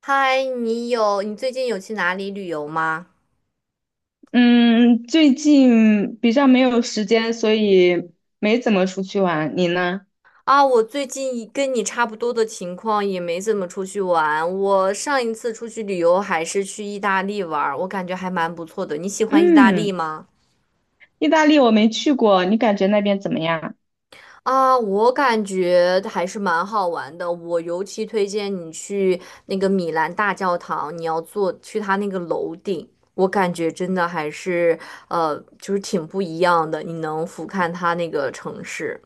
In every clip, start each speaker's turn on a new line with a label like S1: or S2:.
S1: 嗨，你最近有去哪里旅游吗？
S2: 嗯，最近比较没有时间，所以没怎么出去玩。你呢？
S1: 啊，我最近跟你差不多的情况，也没怎么出去玩。我上一次出去旅游还是去意大利玩儿，我感觉还蛮不错的。你喜欢意大利
S2: 嗯，
S1: 吗？
S2: 意大利我没去过，你感觉那边怎么样？
S1: 啊，我感觉还是蛮好玩的。我尤其推荐你去那个米兰大教堂，你要坐去它那个楼顶，我感觉真的就是挺不一样的。你能俯瞰它那个城市。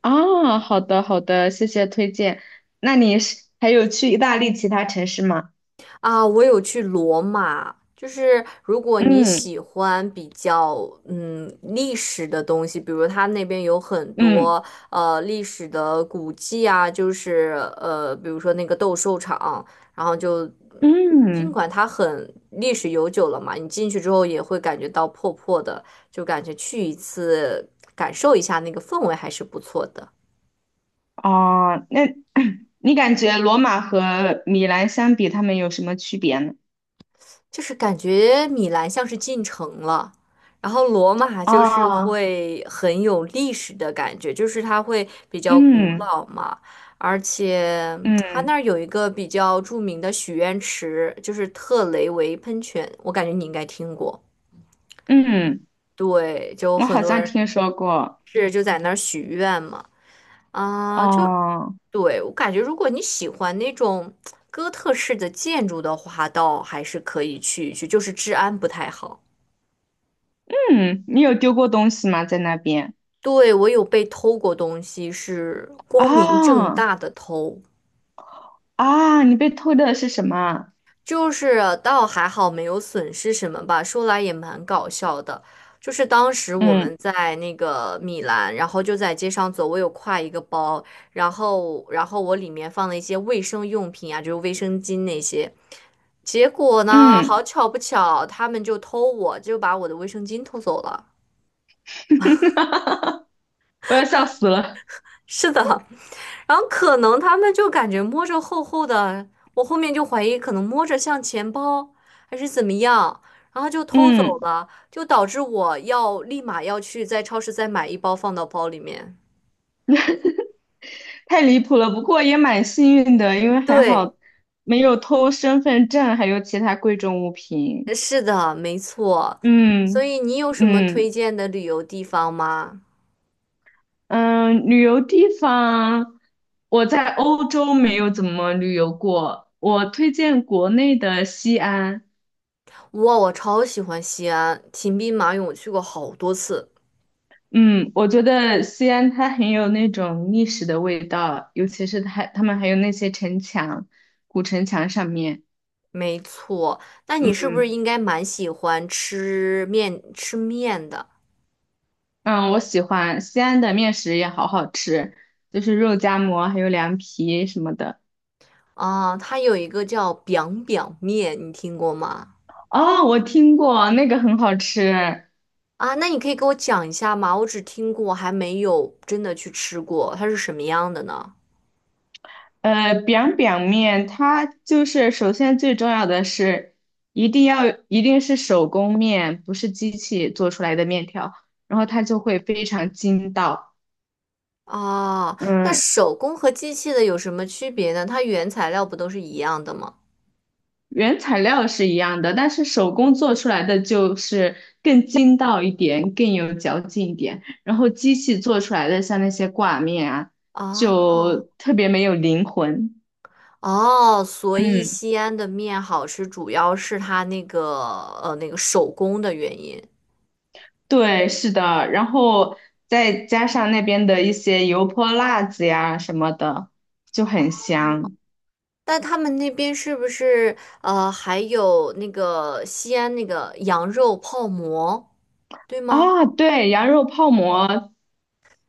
S2: 啊？好的好的，谢谢推荐。那你是还有去意大利其他城市吗？
S1: 啊，我有去罗马，就是如果你
S2: 嗯
S1: 喜欢比较历史的东西，比如它那边有很
S2: 嗯
S1: 多历史的古迹啊，就是比如说那个斗兽场，然后就尽
S2: 嗯，
S1: 管它很历史悠久了嘛，你进去之后也会感觉到破破的，就感觉去一次感受一下那个氛围还是不错的。
S2: 哦，那 你感觉罗马和米兰相比，他们有什么区别呢？
S1: 就是感觉米兰像是进城了，然后罗马就是
S2: 哦，
S1: 会很有历史的感觉，就是它会比较古
S2: 嗯
S1: 老嘛，而且 它那
S2: 嗯
S1: 儿有一个比较著名的许愿池，就是特雷维喷泉，我感觉你应该听过。
S2: 嗯，
S1: 对，就
S2: 我
S1: 很
S2: 好
S1: 多
S2: 像
S1: 人
S2: 听说过。
S1: 是就在那儿许愿嘛，啊、就
S2: 哦。
S1: 对，我感觉如果你喜欢那种 哥特式的建筑的话，倒还是可以去一去，就是治安不太好。
S2: 嗯，你有丢过东西吗？在那边？
S1: 对，我有被偷过东西，是光明正
S2: 啊
S1: 大的偷，
S2: 啊，你被偷的是什么？
S1: 就是倒还好没有损失什么吧。说来也蛮搞笑的，就是当时我
S2: 嗯
S1: 们在那个米兰，然后就在街上走，我有挎一个包，然后我里面放了一些卫生用品啊，就是卫生巾那些。结果呢，好
S2: 嗯，
S1: 巧不巧，他们就偷我，就把我的卫生巾偷走了。
S2: 我要笑死了。
S1: 是的，然后可能他们就感觉摸着厚厚的，我后面就怀疑可能摸着像钱包还是怎么样，然后就偷走
S2: 嗯，
S1: 了，就导致我要立马要去在超市再买一包放到包里面。
S2: 太离谱了。不过也蛮幸运的，因为还
S1: 对，
S2: 好没有偷身份证，还有其他贵重物品。
S1: 是的，没错。所
S2: 嗯
S1: 以你有什么推
S2: 嗯
S1: 荐的旅游地方吗？
S2: 嗯，旅游地方，我在欧洲没有怎么旅游过，我推荐国内的西安。
S1: 哇，我超喜欢西安，秦兵马俑我去过好多次。
S2: 嗯，我觉得西安它很有那种历史的味道，尤其是它他们还有那些城墙，古城墙上面，
S1: 没错，那
S2: 嗯
S1: 你是不是应该蛮喜欢吃面的？
S2: 嗯，我喜欢西安的面食也好好吃，就是肉夹馍还有凉皮什么的。
S1: 啊，它有一个叫 biang biang 面，你听过吗？
S2: 哦，我听过那个很好吃，
S1: 啊，那你可以给我讲一下吗？我只听过，还没有真的去吃过，它是什么样的呢？
S2: biang biang 面，它就是首先最重要的是一定是手工面，不是机器做出来的面条，然后它就会非常筋道。
S1: 啊，那
S2: 嗯，
S1: 手工和机器的有什么区别呢？它原材料不都是一样的吗？
S2: 原材料是一样的，但是手工做出来的就是更筋道一点，更有嚼劲一点。然后机器做出来的像那些挂面啊，
S1: 啊，
S2: 就特别没有灵魂。
S1: 哦，所以
S2: 嗯，
S1: 西安的面好吃，主要是它那个那个手工的原因。
S2: 对，是的。然后再加上那边的一些油泼辣子呀什么的，就很
S1: 哦
S2: 香
S1: 但他们那边是不是还有那个西安那个羊肉泡馍？对吗？
S2: 啊。对，羊肉泡馍，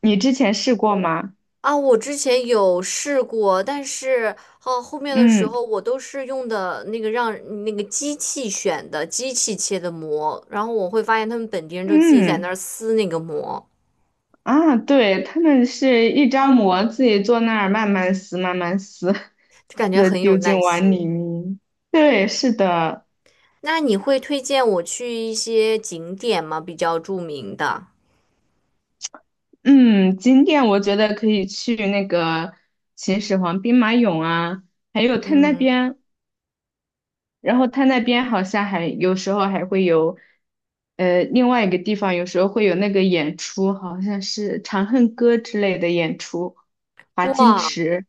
S2: 你之前试过吗？
S1: 啊，我之前有试过，但是哦，后面的时
S2: 嗯
S1: 候我都是用的那个让那个机器选的，机器切的膜，然后我会发现他们本地人就自己在那
S2: 嗯。
S1: 儿撕那个膜，
S2: 啊，对，他们是一张膜，自己坐那儿慢慢撕，慢慢撕，
S1: 就感觉
S2: 撕
S1: 很有
S2: 丢
S1: 耐
S2: 进碗里
S1: 心。
S2: 面。对，是的，
S1: 那你会推荐我去一些景点吗？比较著名的？
S2: 嗯，景点我觉得可以去那个秦始皇兵马俑啊，还有他那
S1: 嗯，
S2: 边，然后他那边好像还有时候还会有，另外一个地方有时候会有那个演出，好像是《长恨歌》之类的演出，华清
S1: 哇，
S2: 池，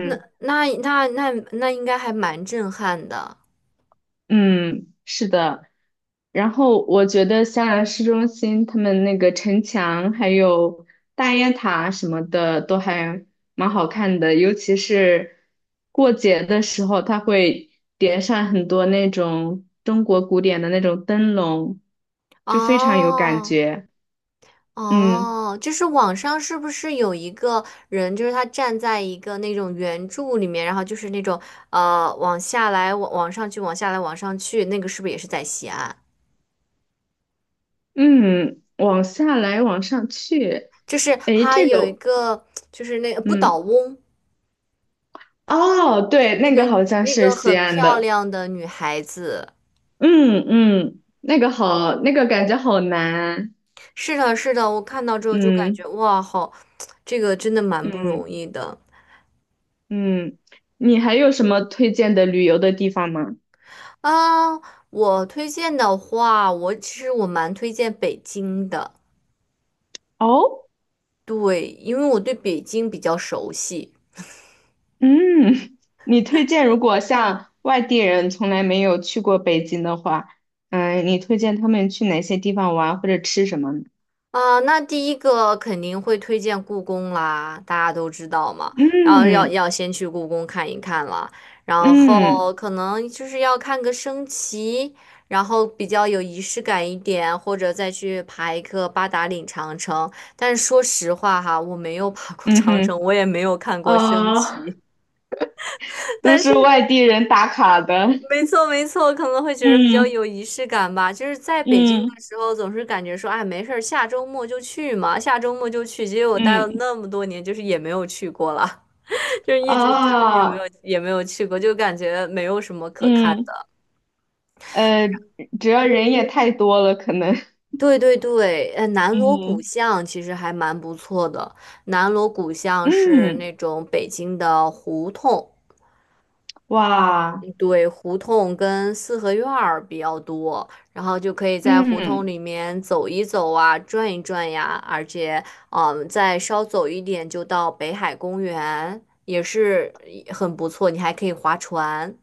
S1: 那那应该还蛮震撼的
S2: 嗯，是的。然后我觉得香兰市中心他们那个城墙还有大雁塔什么的都还蛮好看的，尤其是过节的时候，它会点上很多那种中国古典的那种灯笼，就非常有感
S1: 哦。
S2: 觉。嗯
S1: 哦，就是网上是不是有一个人，就是他站在一个那种圆柱里面，然后就是那种往下来，往上去，往下来，往上去，那个是不是也是在西安？
S2: 嗯，往下来，往上去，
S1: 就是
S2: 诶，
S1: 他
S2: 这
S1: 有一
S2: 个，
S1: 个，就是那个不倒
S2: 嗯，
S1: 翁，
S2: 哦，对，
S1: 那
S2: 那
S1: 个
S2: 个好像
S1: 那
S2: 是
S1: 个
S2: 西
S1: 很
S2: 安
S1: 漂
S2: 的，
S1: 亮的女孩子。
S2: 嗯嗯，那个好，那个感觉好难。
S1: 是的，是的，我看到之后就感觉
S2: 嗯
S1: 哇，好，这个真的蛮不
S2: 嗯
S1: 容易的
S2: 嗯，你还有什么推荐的旅游的地方吗？
S1: 啊。我推荐的话，我其实蛮推荐北京的。
S2: 哦，
S1: 对，因为我对北京比较熟悉
S2: 嗯，你推荐如果像外地人从来没有去过北京的话，嗯，你推荐他们去哪些地方玩或者吃什么呢？
S1: 那第一个肯定会推荐故宫啦，大家都知道嘛。然后要
S2: 嗯
S1: 要先去故宫看一看了，然
S2: 嗯
S1: 后可能就是要看个升旗，然后比较有仪式感一点，或者再去爬一个八达岭长城。但是说实话哈，我没有爬过
S2: 嗯
S1: 长城，
S2: 哼，
S1: 我也没有看过升
S2: 呃，
S1: 旗，
S2: 都
S1: 但
S2: 是
S1: 是
S2: 外地人打卡的。
S1: 没错，没错，可能会觉得比较有
S2: 嗯
S1: 仪式感吧。就是在北京的
S2: 嗯
S1: 时候，总是感觉说，哎，没事儿，下周末就去嘛，下周末就去。结果我待了
S2: 嗯
S1: 那么多年，就是也没有去过了，就是一直就也没有
S2: 啊
S1: 也没有去过，就感觉没有什么可看
S2: 嗯
S1: 的。
S2: 呃，主要人也太多了，可能。
S1: 对对对，呃，南锣鼓
S2: 嗯
S1: 巷其实还蛮不错的。南锣鼓巷是
S2: 嗯。
S1: 那种北京的胡同，
S2: 哇，
S1: 嗯对，胡同跟四合院儿比较多，然后就可以在胡同
S2: 嗯，
S1: 里面走一走啊，转一转呀，而且，嗯，再稍走一点就到北海公园，也是很不错，你还可以划船。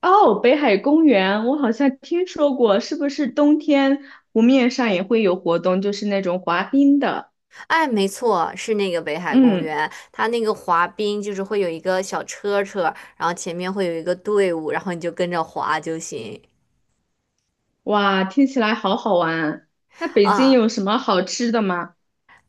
S2: 哦，北海公园，我好像听说过，是不是冬天湖面上也会有活动，就是那种滑冰的？
S1: 哎，没错，是那个北海公
S2: 嗯，
S1: 园，它那个滑冰就是会有一个小车车，然后前面会有一个队伍，然后你就跟着滑就行。
S2: 哇，听起来好好玩。那北京
S1: 啊，
S2: 有什么好吃的吗？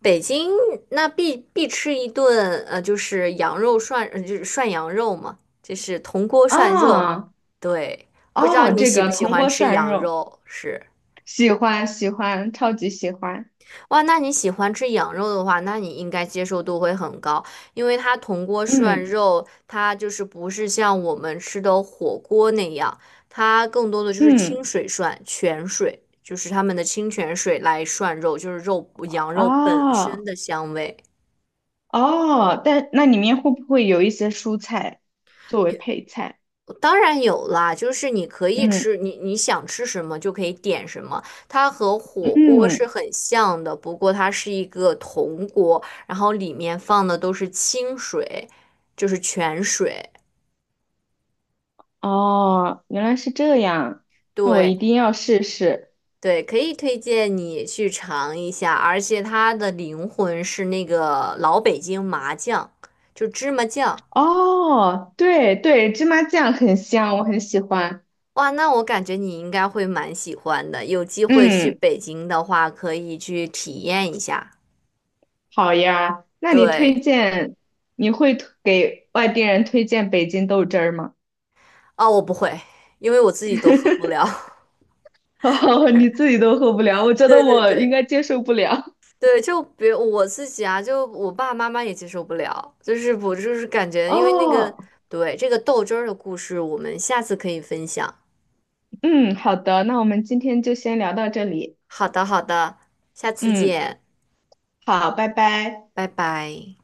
S1: 北京那必吃一顿，就是羊肉涮，就是涮羊肉嘛，就是铜锅涮肉。
S2: 哦，
S1: 对，不知道
S2: 哦，
S1: 你
S2: 这
S1: 喜不
S2: 个
S1: 喜
S2: 铜
S1: 欢
S2: 锅
S1: 吃
S2: 涮
S1: 羊
S2: 肉，
S1: 肉？是，
S2: 喜欢喜欢，超级喜欢。
S1: 哇，那你喜欢吃羊肉的话，那你应该接受度会很高，因为它铜锅涮
S2: 嗯
S1: 肉，它就是不是像我们吃的火锅那样，它更多的就是清
S2: 嗯，
S1: 水涮，泉水，就是他们的清泉水来涮肉，就是肉羊肉本身
S2: 哦
S1: 的香味。
S2: 哦，但那里面会不会有一些蔬菜作为配菜？
S1: 当然有啦，就是你可以
S2: 嗯
S1: 吃，你想吃什么就可以点什么。它和火锅是
S2: 嗯。
S1: 很像的，不过它是一个铜锅，然后里面放的都是清水，就是泉水。
S2: 哦，原来是这样，那我一
S1: 对
S2: 定要试试。
S1: 对，可以推荐你去尝一下，而且它的灵魂是那个老北京麻酱，就芝麻酱。
S2: 哦，对对，芝麻酱很香，我很喜欢。
S1: 哇，那我感觉你应该会蛮喜欢的，有机会去
S2: 嗯，
S1: 北京的话，可以去体验一下。
S2: 好呀，那你推
S1: 对。
S2: 荐，你会推给外地人推荐北京豆汁儿吗？
S1: 啊，我不会，因为我自己都喝不 了。
S2: 哦，你自己都喝不了，我 觉得
S1: 对对
S2: 我应
S1: 对
S2: 该接受不了。
S1: 对，就比如我自己啊，就我爸爸妈妈也接受不了，就是我感觉，因为那个
S2: 哦，
S1: 对这个豆汁儿的故事，我们下次可以分享。
S2: 嗯，好的，那我们今天就先聊到这里。
S1: 好的好的，下次
S2: 嗯，
S1: 见，
S2: 好，拜拜。
S1: 拜拜。